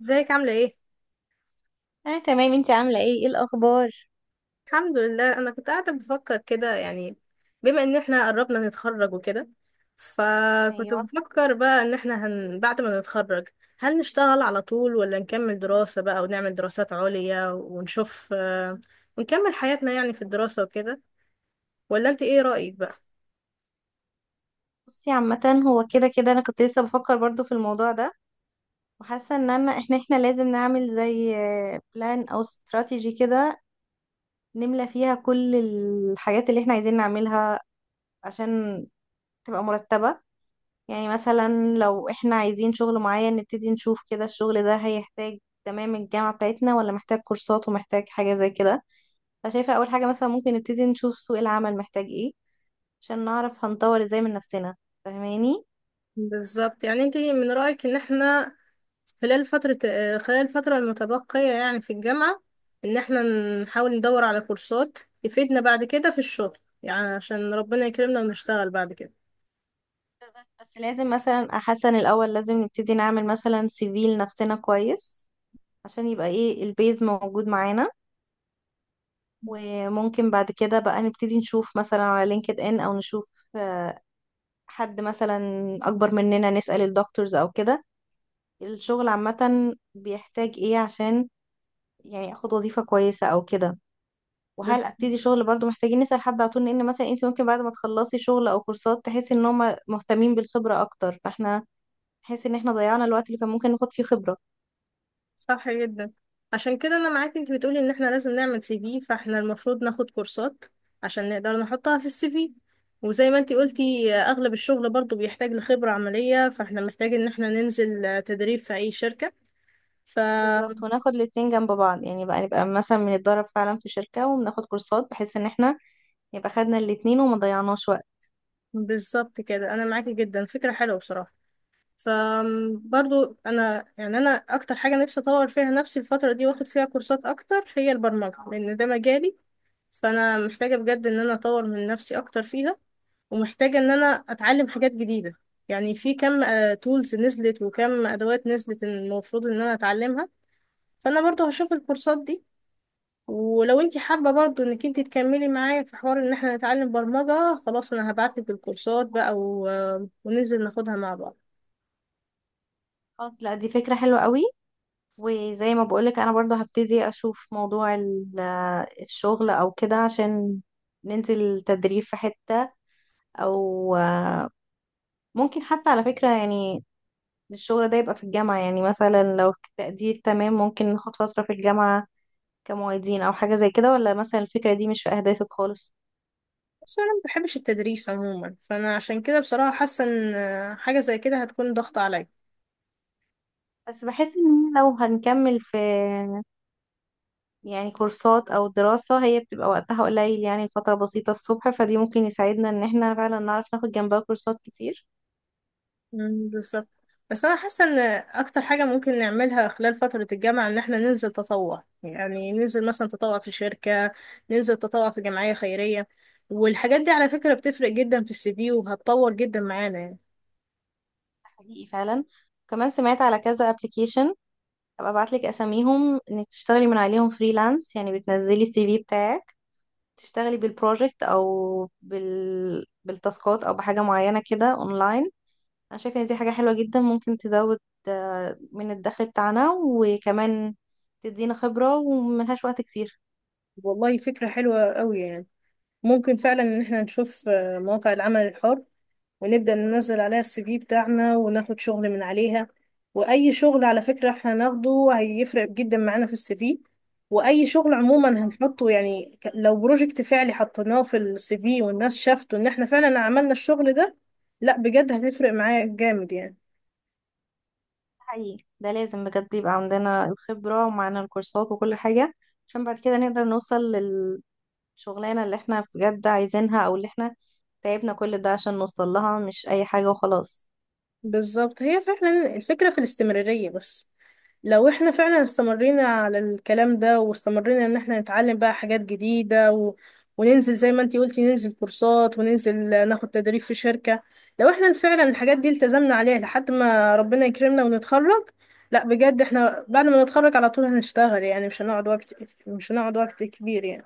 ازيك عاملة ايه؟ انا تمام، انتي عامله ايه؟ ايه الاخبار؟ الحمد لله. انا كنت قاعدة بفكر كده يعني، بما ان احنا قربنا نتخرج وكده. فكنت ايوه. بفكر بقى ان احنا بعد ما نتخرج، هل نشتغل على طول ولا نكمل دراسة بقى ونعمل دراسات عليا ونشوف، ونكمل حياتنا يعني في الدراسة وكده. ولا انت ايه رأيك بقى؟ بصي عامه هو كده كده انا كنت لسه بفكر برضو في الموضوع ده، وحاسه ان انا احنا لازم نعمل زي بلان او استراتيجي كده، نملى فيها كل الحاجات اللي احنا عايزين نعملها عشان تبقى مرتبه. يعني مثلا لو احنا عايزين شغل معين نبتدي نشوف كده الشغل ده هيحتاج تمام الجامعه بتاعتنا، ولا محتاج كورسات، ومحتاج حاجه زي كده. فشايفه اول حاجه مثلا ممكن نبتدي نشوف سوق العمل محتاج ايه عشان نعرف هنطور ازاي من نفسنا، فاهماني؟ بالظبط. يعني انت من رأيك ان احنا خلال فترة آه، خلال الفترة المتبقية يعني في الجامعة، إن احنا نحاول ندور على كورسات تفيدنا بعد كده في الشغل، يعني عشان ربنا يكرمنا ونشتغل بعد كده. بالظبط. بس لازم مثلا احسن، الاول لازم نبتدي نعمل مثلا سي في لنفسنا كويس عشان يبقى ايه البيز موجود معانا. وممكن بعد كده بقى نبتدي نشوف مثلا على لينكد ان، او نشوف آه، حد مثلا اكبر مننا نسأل الدكتورز او كده الشغل عامة بيحتاج ايه، عشان يعني اخد وظيفة كويسة او كده. بس. وهل ابتدي شغل؟ برضو محتاجين نسأل حد على طول، لان مثلا انت ممكن بعد ما تخلصي شغل او كورسات تحسي ان هم مهتمين بالخبرة اكتر، فاحنا نحس ان احنا ضيعنا الوقت اللي كان ممكن ناخد فيه خبرة. صح جدا. عشان كده أنا معاك. أنت بتقولي إن احنا لازم نعمل سي في، فاحنا المفروض ناخد كورسات عشان نقدر نحطها في السي في. وزي ما انت قلتي، أغلب الشغل برضو بيحتاج لخبرة عملية، فاحنا محتاج إن احنا ننزل تدريب في أي شركة. بالظبط، وناخد الاتنين جنب بعض. يعني بقى نبقى مثلا بنتدرب فعلا في شركة وبناخد كورسات، بحيث ان احنا يبقى خدنا الاتنين وما ضيعناش وقت. فبالظبط كده، أنا معاكي جدا. فكرة حلوة بصراحة. فبرضو انا اكتر حاجه نفسي اطور فيها نفسي الفتره دي، واخد فيها كورسات اكتر، هي البرمجه، لان ده مجالي. فانا محتاجه بجد ان انا اطور من نفسي اكتر فيها، ومحتاجه ان انا اتعلم حاجات جديده. يعني في كم تولز نزلت وكم ادوات نزلت المفروض ان انا اتعلمها. فانا برضو هشوف الكورسات دي. ولو انت حابه برضو انك انت تكملي معايا في حوار ان احنا نتعلم برمجه، خلاص انا هبعتلك الكورسات بقى و... آه، وننزل ناخدها مع بعض. خلاص. لا دي فكرة حلوة قوي. وزي ما بقولك انا برضو هبتدي اشوف موضوع الشغل او كده، عشان ننزل تدريب في حتة، او ممكن حتى على فكرة يعني الشغل ده يبقى في الجامعة. يعني مثلا لو في التقدير تمام ممكن ناخد فترة في الجامعة كمعيدين أو حاجة زي كده، ولا مثلا الفكرة دي مش في أهدافك خالص؟ بس انا ما بحبش التدريس عموما، فانا عشان كده بصراحه حاسه ان حاجه زي كده هتكون ضغط عليا. بس بحس إن لو هنكمل في يعني كورسات أو دراسة هي بتبقى وقتها قليل، يعني الفترة بسيطة الصبح، فدي ممكن يساعدنا إن احنا فعلا نعرف ناخد جنبها كورسات كتير. مم، بالظبط. بس انا حاسه ان اكتر حاجه ممكن نعملها خلال فتره الجامعه ان احنا ننزل تطوع، يعني ننزل مثلا تطوع في شركه، ننزل تطوع في جمعيه خيريه. والحاجات دي على فكره بتفرق جدا في السي في، وهتطور جدا معانا يعني. ده حقيقي فعلا. كمان سمعت على كذا ابلكيشن، هبقى ابعتلك اساميهم انك تشتغلي من عليهم فريلانس. يعني بتنزلي السي في بتاعك، تشتغلي بالبروجكت او بالتاسكات او بحاجه معينه كده اونلاين. انا شايفه ان دي حاجه حلوه جدا، ممكن تزود من الدخل بتاعنا، وكمان تدينا خبره وملهاش وقت كتير. والله فكره حلوه قوي يعني. ممكن فعلا ان احنا نشوف، مواقع العمل الحر، ونبدأ ننزل عليها السي في بتاعنا وناخد شغل من عليها. وأي شغل على فكرة احنا هناخده هيفرق جدا معانا في السي في. وأي شغل عموما جدا، طبعا. هنحطه، يعني لو بروجكت فعلي حطيناه في السي في والناس شافته، إن احنا فعلا عملنا الشغل ده، لا بجد هتفرق معايا جامد يعني. ده حقيقي، ده لازم بجد يبقى عندنا الخبره ومعانا الكورسات وكل حاجه، عشان بعد كده نقدر نوصل للشغلانه اللي احنا بجد عايزينها، او اللي احنا تعبنا كل ده عشان نوصل لها، مش اي حاجه وخلاص. بالظبط. هي فعلا الفكرة في الاستمرارية. بس لو احنا فعلا استمرينا على الكلام ده، واستمرينا ان احنا نتعلم بقى حاجات جديدة، وننزل زي ما انتي قلتي، ننزل كورسات، وننزل ناخد تدريب في شركة. لو احنا فعلا الحاجات دي التزمنا عليها لحد ما ربنا يكرمنا ونتخرج، لا بجد احنا بعد ما نتخرج على طول هنشتغل، يعني مش هنقعد وقت كبير يعني.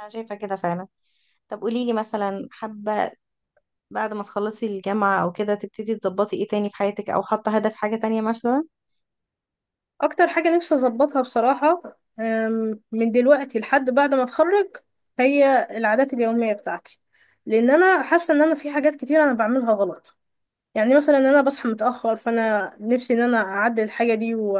انا شايفه كده فعلا. طب قوليلي مثلا، حابه بعد ما تخلصي الجامعة أو كده تبتدي تظبطي إيه تاني في حياتك، أو حاطة هدف حاجة تانية مثلا؟ اكتر حاجة نفسي اظبطها بصراحة، من دلوقتي لحد بعد ما اتخرج، هي العادات اليومية بتاعتي. لان انا حاسة ان انا في حاجات كتير انا بعملها غلط. يعني مثلا انا بصحى متاخر، فانا نفسي ان انا اعدل الحاجه دي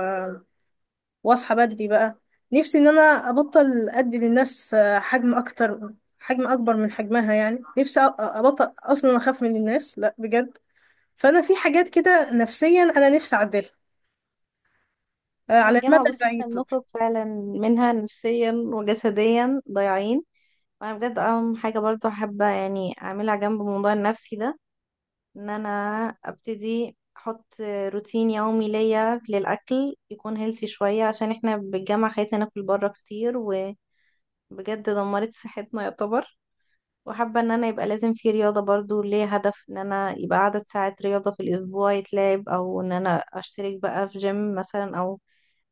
واصحى بدري بقى. نفسي ان انا ابطل ادي للناس، حجم اكبر من حجمها. يعني نفسي ابطل اصلا اخاف من الناس، لا بجد. فانا في حاجات كده نفسيا انا نفسي اعدلها، هي على الجامعة المدى بصي إحنا البعيد. بنخرج فعلا منها نفسيا وجسديا ضايعين. وأنا بجد أهم حاجة برضو حابة يعني أعملها جنب الموضوع النفسي ده إن أنا أبتدي أحط روتين يومي ليا للأكل يكون هيلثي شوية، عشان إحنا بالجامعة خلتنا ناكل بره كتير، وبجد دمرت صحتنا يعتبر. وحابة ان انا يبقى لازم في رياضة برضو، ليه هدف ان انا يبقى عدد ساعات رياضة في الاسبوع يتلعب، او ان انا اشترك بقى في جيم مثلا، او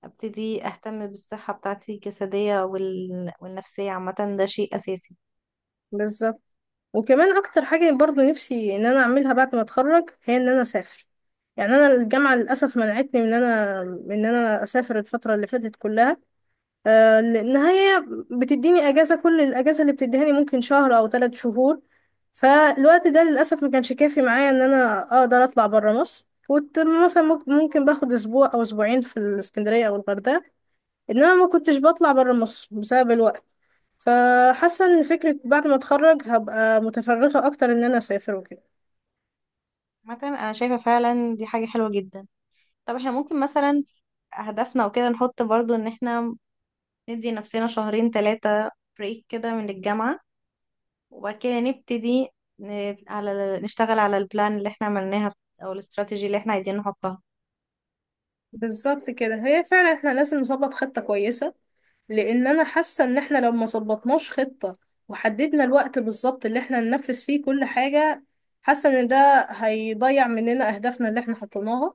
ابتدي اهتم بالصحة بتاعتي الجسدية والنفسية. عامة ده شيء اساسي. بالظبط. وكمان اكتر حاجه برضو نفسي ان انا اعملها بعد ما اتخرج، هي ان انا اسافر. يعني انا الجامعه للاسف منعتني من ان انا اسافر الفتره اللي فاتت كلها، لان هي بتديني كل الاجازه اللي بتديهاني ممكن شهر او 3 شهور. فالوقت ده للاسف ما كانش كافي معايا ان انا اقدر اطلع بره مصر. كنت مثلا ممكن باخد اسبوع او اسبوعين في الاسكندريه او الغردقه، انما ما كنتش بطلع بره مصر بسبب الوقت. فحاسه ان فكره بعد ما اتخرج هبقى متفرغه اكتر ان انا اسافر وكده. عامة انا شايفة فعلا دي حاجة حلوة جدا. طب احنا ممكن مثلا اهدافنا وكده نحط برضو ان احنا ندي نفسنا شهرين ثلاثة بريك كده من الجامعة، وبعد كده نبتدي ن... على نشتغل على البلان اللي احنا عملناها، او الاستراتيجي اللي احنا عايزين نحطها. بالظبط كده. هي فعلا احنا لازم نظبط خطه كويسه، لان انا حاسه ان احنا لو ما ظبطناش خطه، وحددنا الوقت بالظبط اللي احنا ننفذ فيه كل حاجه، حاسه ان ده هيضيع مننا اهدافنا اللي احنا حطيناها،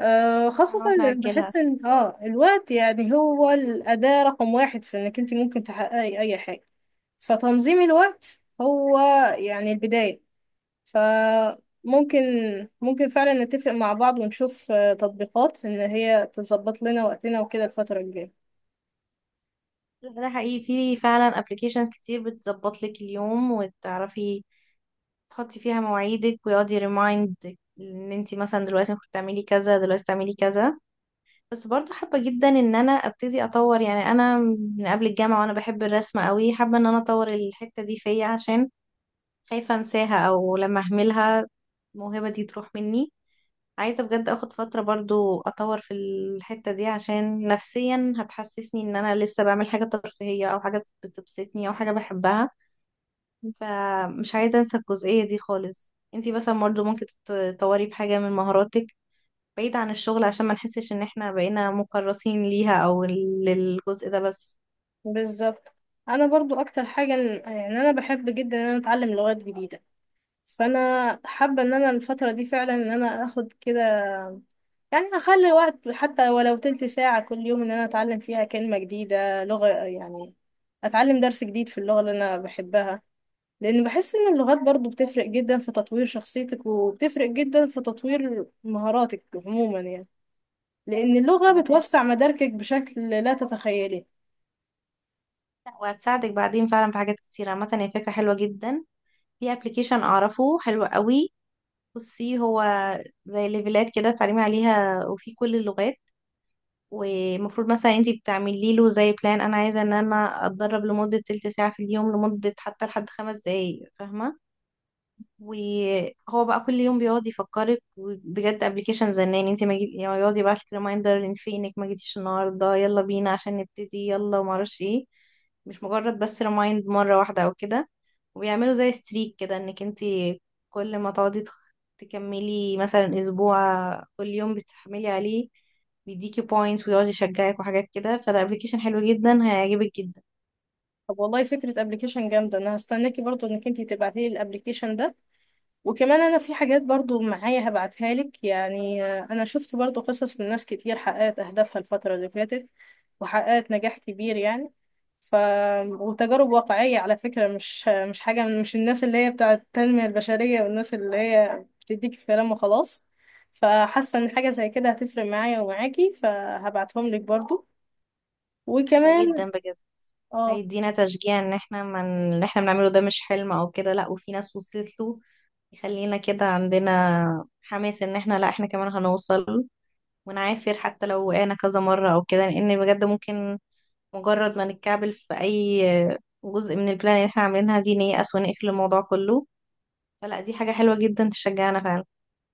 خاصه. هنقعد إن نأجلها. بحس ان الوقت يعني هو الاداه رقم واحد في انك انت ممكن تحققي اي حاجه. فتنظيم الوقت هو يعني البدايه. فممكن فعلا نتفق مع بعض ونشوف، تطبيقات ان هي تظبط لنا وقتنا وكده الفتره الجايه. لا، ده حقيقي في فعلا ابلكيشنز كتير بتظبط لك اليوم، وتعرفي تحطي فيها مواعيدك ويقعد يريمايند ان انت مثلا دلوقتي المفروض تعملي كذا، دلوقتي تعملي كذا. بس برضه حابة جدا ان انا ابتدي اطور. يعني انا من قبل الجامعة وانا بحب الرسم قوي، حابة ان انا اطور الحتة دي فيا، عشان خايفة انساها او لما اهملها الموهبة دي تروح مني. عايزة بجد اخد فترة برضو اطور في الحتة دي، عشان نفسيا هتحسسني ان انا لسه بعمل حاجة ترفيهية، او حاجة بتبسطني، او حاجة بحبها. فمش عايزة انسى الجزئية دي خالص. انتي مثلا برضو ممكن تطوري في حاجة من مهاراتك بعيد عن الشغل، عشان ما نحسش ان احنا بقينا مكرسين ليها او للجزء ده بس. بالظبط. انا برضو اكتر حاجه يعني انا بحب جدا ان انا اتعلم لغات جديده، فانا حابه ان انا الفتره دي فعلا ان انا اخد كده، يعني اخلي وقت حتى ولو تلت ساعه كل يوم ان انا اتعلم فيها كلمه جديده لغه، يعني اتعلم درس جديد في اللغه اللي انا بحبها، لان بحس ان اللغات برضو بتفرق جدا في تطوير شخصيتك، وبتفرق جدا في تطوير مهاراتك عموما يعني، لان اللغه عامة- بتوسع مداركك بشكل لا تتخيليه. وهتساعدك بعدين فعلا في حاجات كتيرة. عامة هي فكرة حلوة جدا. في ابلكيشن اعرفه حلو قوي. بصي، هو زي ليفلات كده تعليمي عليها وفي كل اللغات، ومفروض مثلا انتي بتعملي له زي بلان، انا عايزه ان انا اتدرب لمده تلت ساعه في اليوم، لمده حتى لحد خمس دقايق، فاهمه؟ وهو بقى كل يوم بيقعد يفكرك، بجد ابلكيشن زنان. انت ما جيت؟ يعني يقعد يبعت لك ريمايندر، انت فينك ما جيتيش النهارده، يلا بينا عشان نبتدي، يلا، وما اعرفش ايه. مش مجرد بس ريمايند مره واحده او كده. وبيعملوا زي ستريك كده انك انت كل ما تقعدي تكملي مثلا اسبوع كل يوم بتحملي عليه، بيديكي بوينتس ويقعد يشجعك وحاجات كده. فده ابلكيشن حلو جدا، هيعجبك جدا. طب والله فكرة ابلكيشن جامدة. انا هستناكي برضو انك انتي تبعتيلي الابلكيشن ده. وكمان انا في حاجات برضو معايا هبعتها لك، يعني، انا شفت برضو قصص لناس كتير حققت اهدافها الفترة اللي فاتت، وحققت نجاح كبير يعني، ف وتجارب واقعية على فكرة، مش حاجة، مش الناس اللي هي بتاعة التنمية البشرية والناس اللي هي بتديك كلام وخلاص. فحاسة ان حاجة زي كده هتفرق معايا ومعاكي، فهبعتهم لك برضو. ده جدا وكمان. بجد اه. هيدينا تشجيع ان احنا من اللي احنا بنعمله ده مش حلم او كده، لا وفي ناس وصلت له. يخلينا كده عندنا حماس ان احنا لا احنا كمان هنوصل، ونعافر حتى لو وقعنا كذا مرة او كده. لان بجد ممكن مجرد ما نتكعبل في اي جزء من البلان اللي احنا عاملينها دي نيأس ونقفل الموضوع كله. فلا، دي حاجة حلوة جدا، تشجعنا فعلا.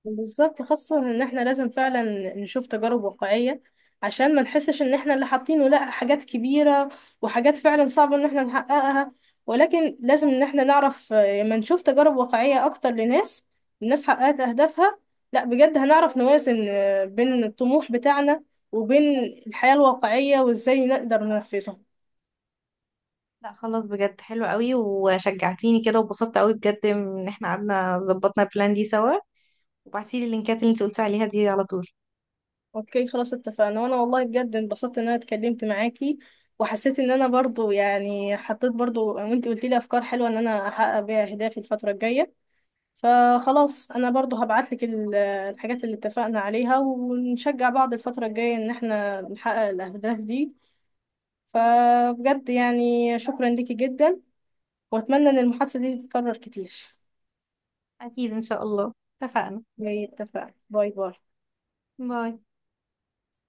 بالظبط. خاصة ان احنا لازم فعلا نشوف تجارب واقعية عشان ما نحسش ان احنا اللي حاطينه لا حاجات كبيرة، وحاجات فعلا صعبة ان احنا نحققها. ولكن لازم ان احنا نعرف، لما نشوف تجارب واقعية اكتر الناس حققت اهدافها، لا بجد هنعرف نوازن، بين الطموح بتاعنا وبين الحياة الواقعية، وازاي نقدر ننفذها. لا خلاص، بجد حلو قوي، وشجعتيني كده وبسطت قوي بجد ان احنا قعدنا ظبطنا البلان دي سوا. وبعتيلي اللينكات اللي انت قلتي عليها دي على طول. اوكي خلاص اتفقنا. وانا والله بجد انبسطت ان انا اتكلمت معاكي، وحسيت ان انا برضو يعني حطيت برضو وانت قلت لي افكار حلوه ان انا احقق بيها اهدافي الفتره الجايه. فخلاص انا برضو هبعت لك الحاجات اللي اتفقنا عليها، ونشجع بعض الفتره الجايه ان احنا نحقق الاهداف دي. فبجد يعني شكرا ليكي جدا، واتمنى ان المحادثه دي تتكرر كتير. أكيد إن شاء الله. اتفقنا. اتفقنا. باي باي. باي.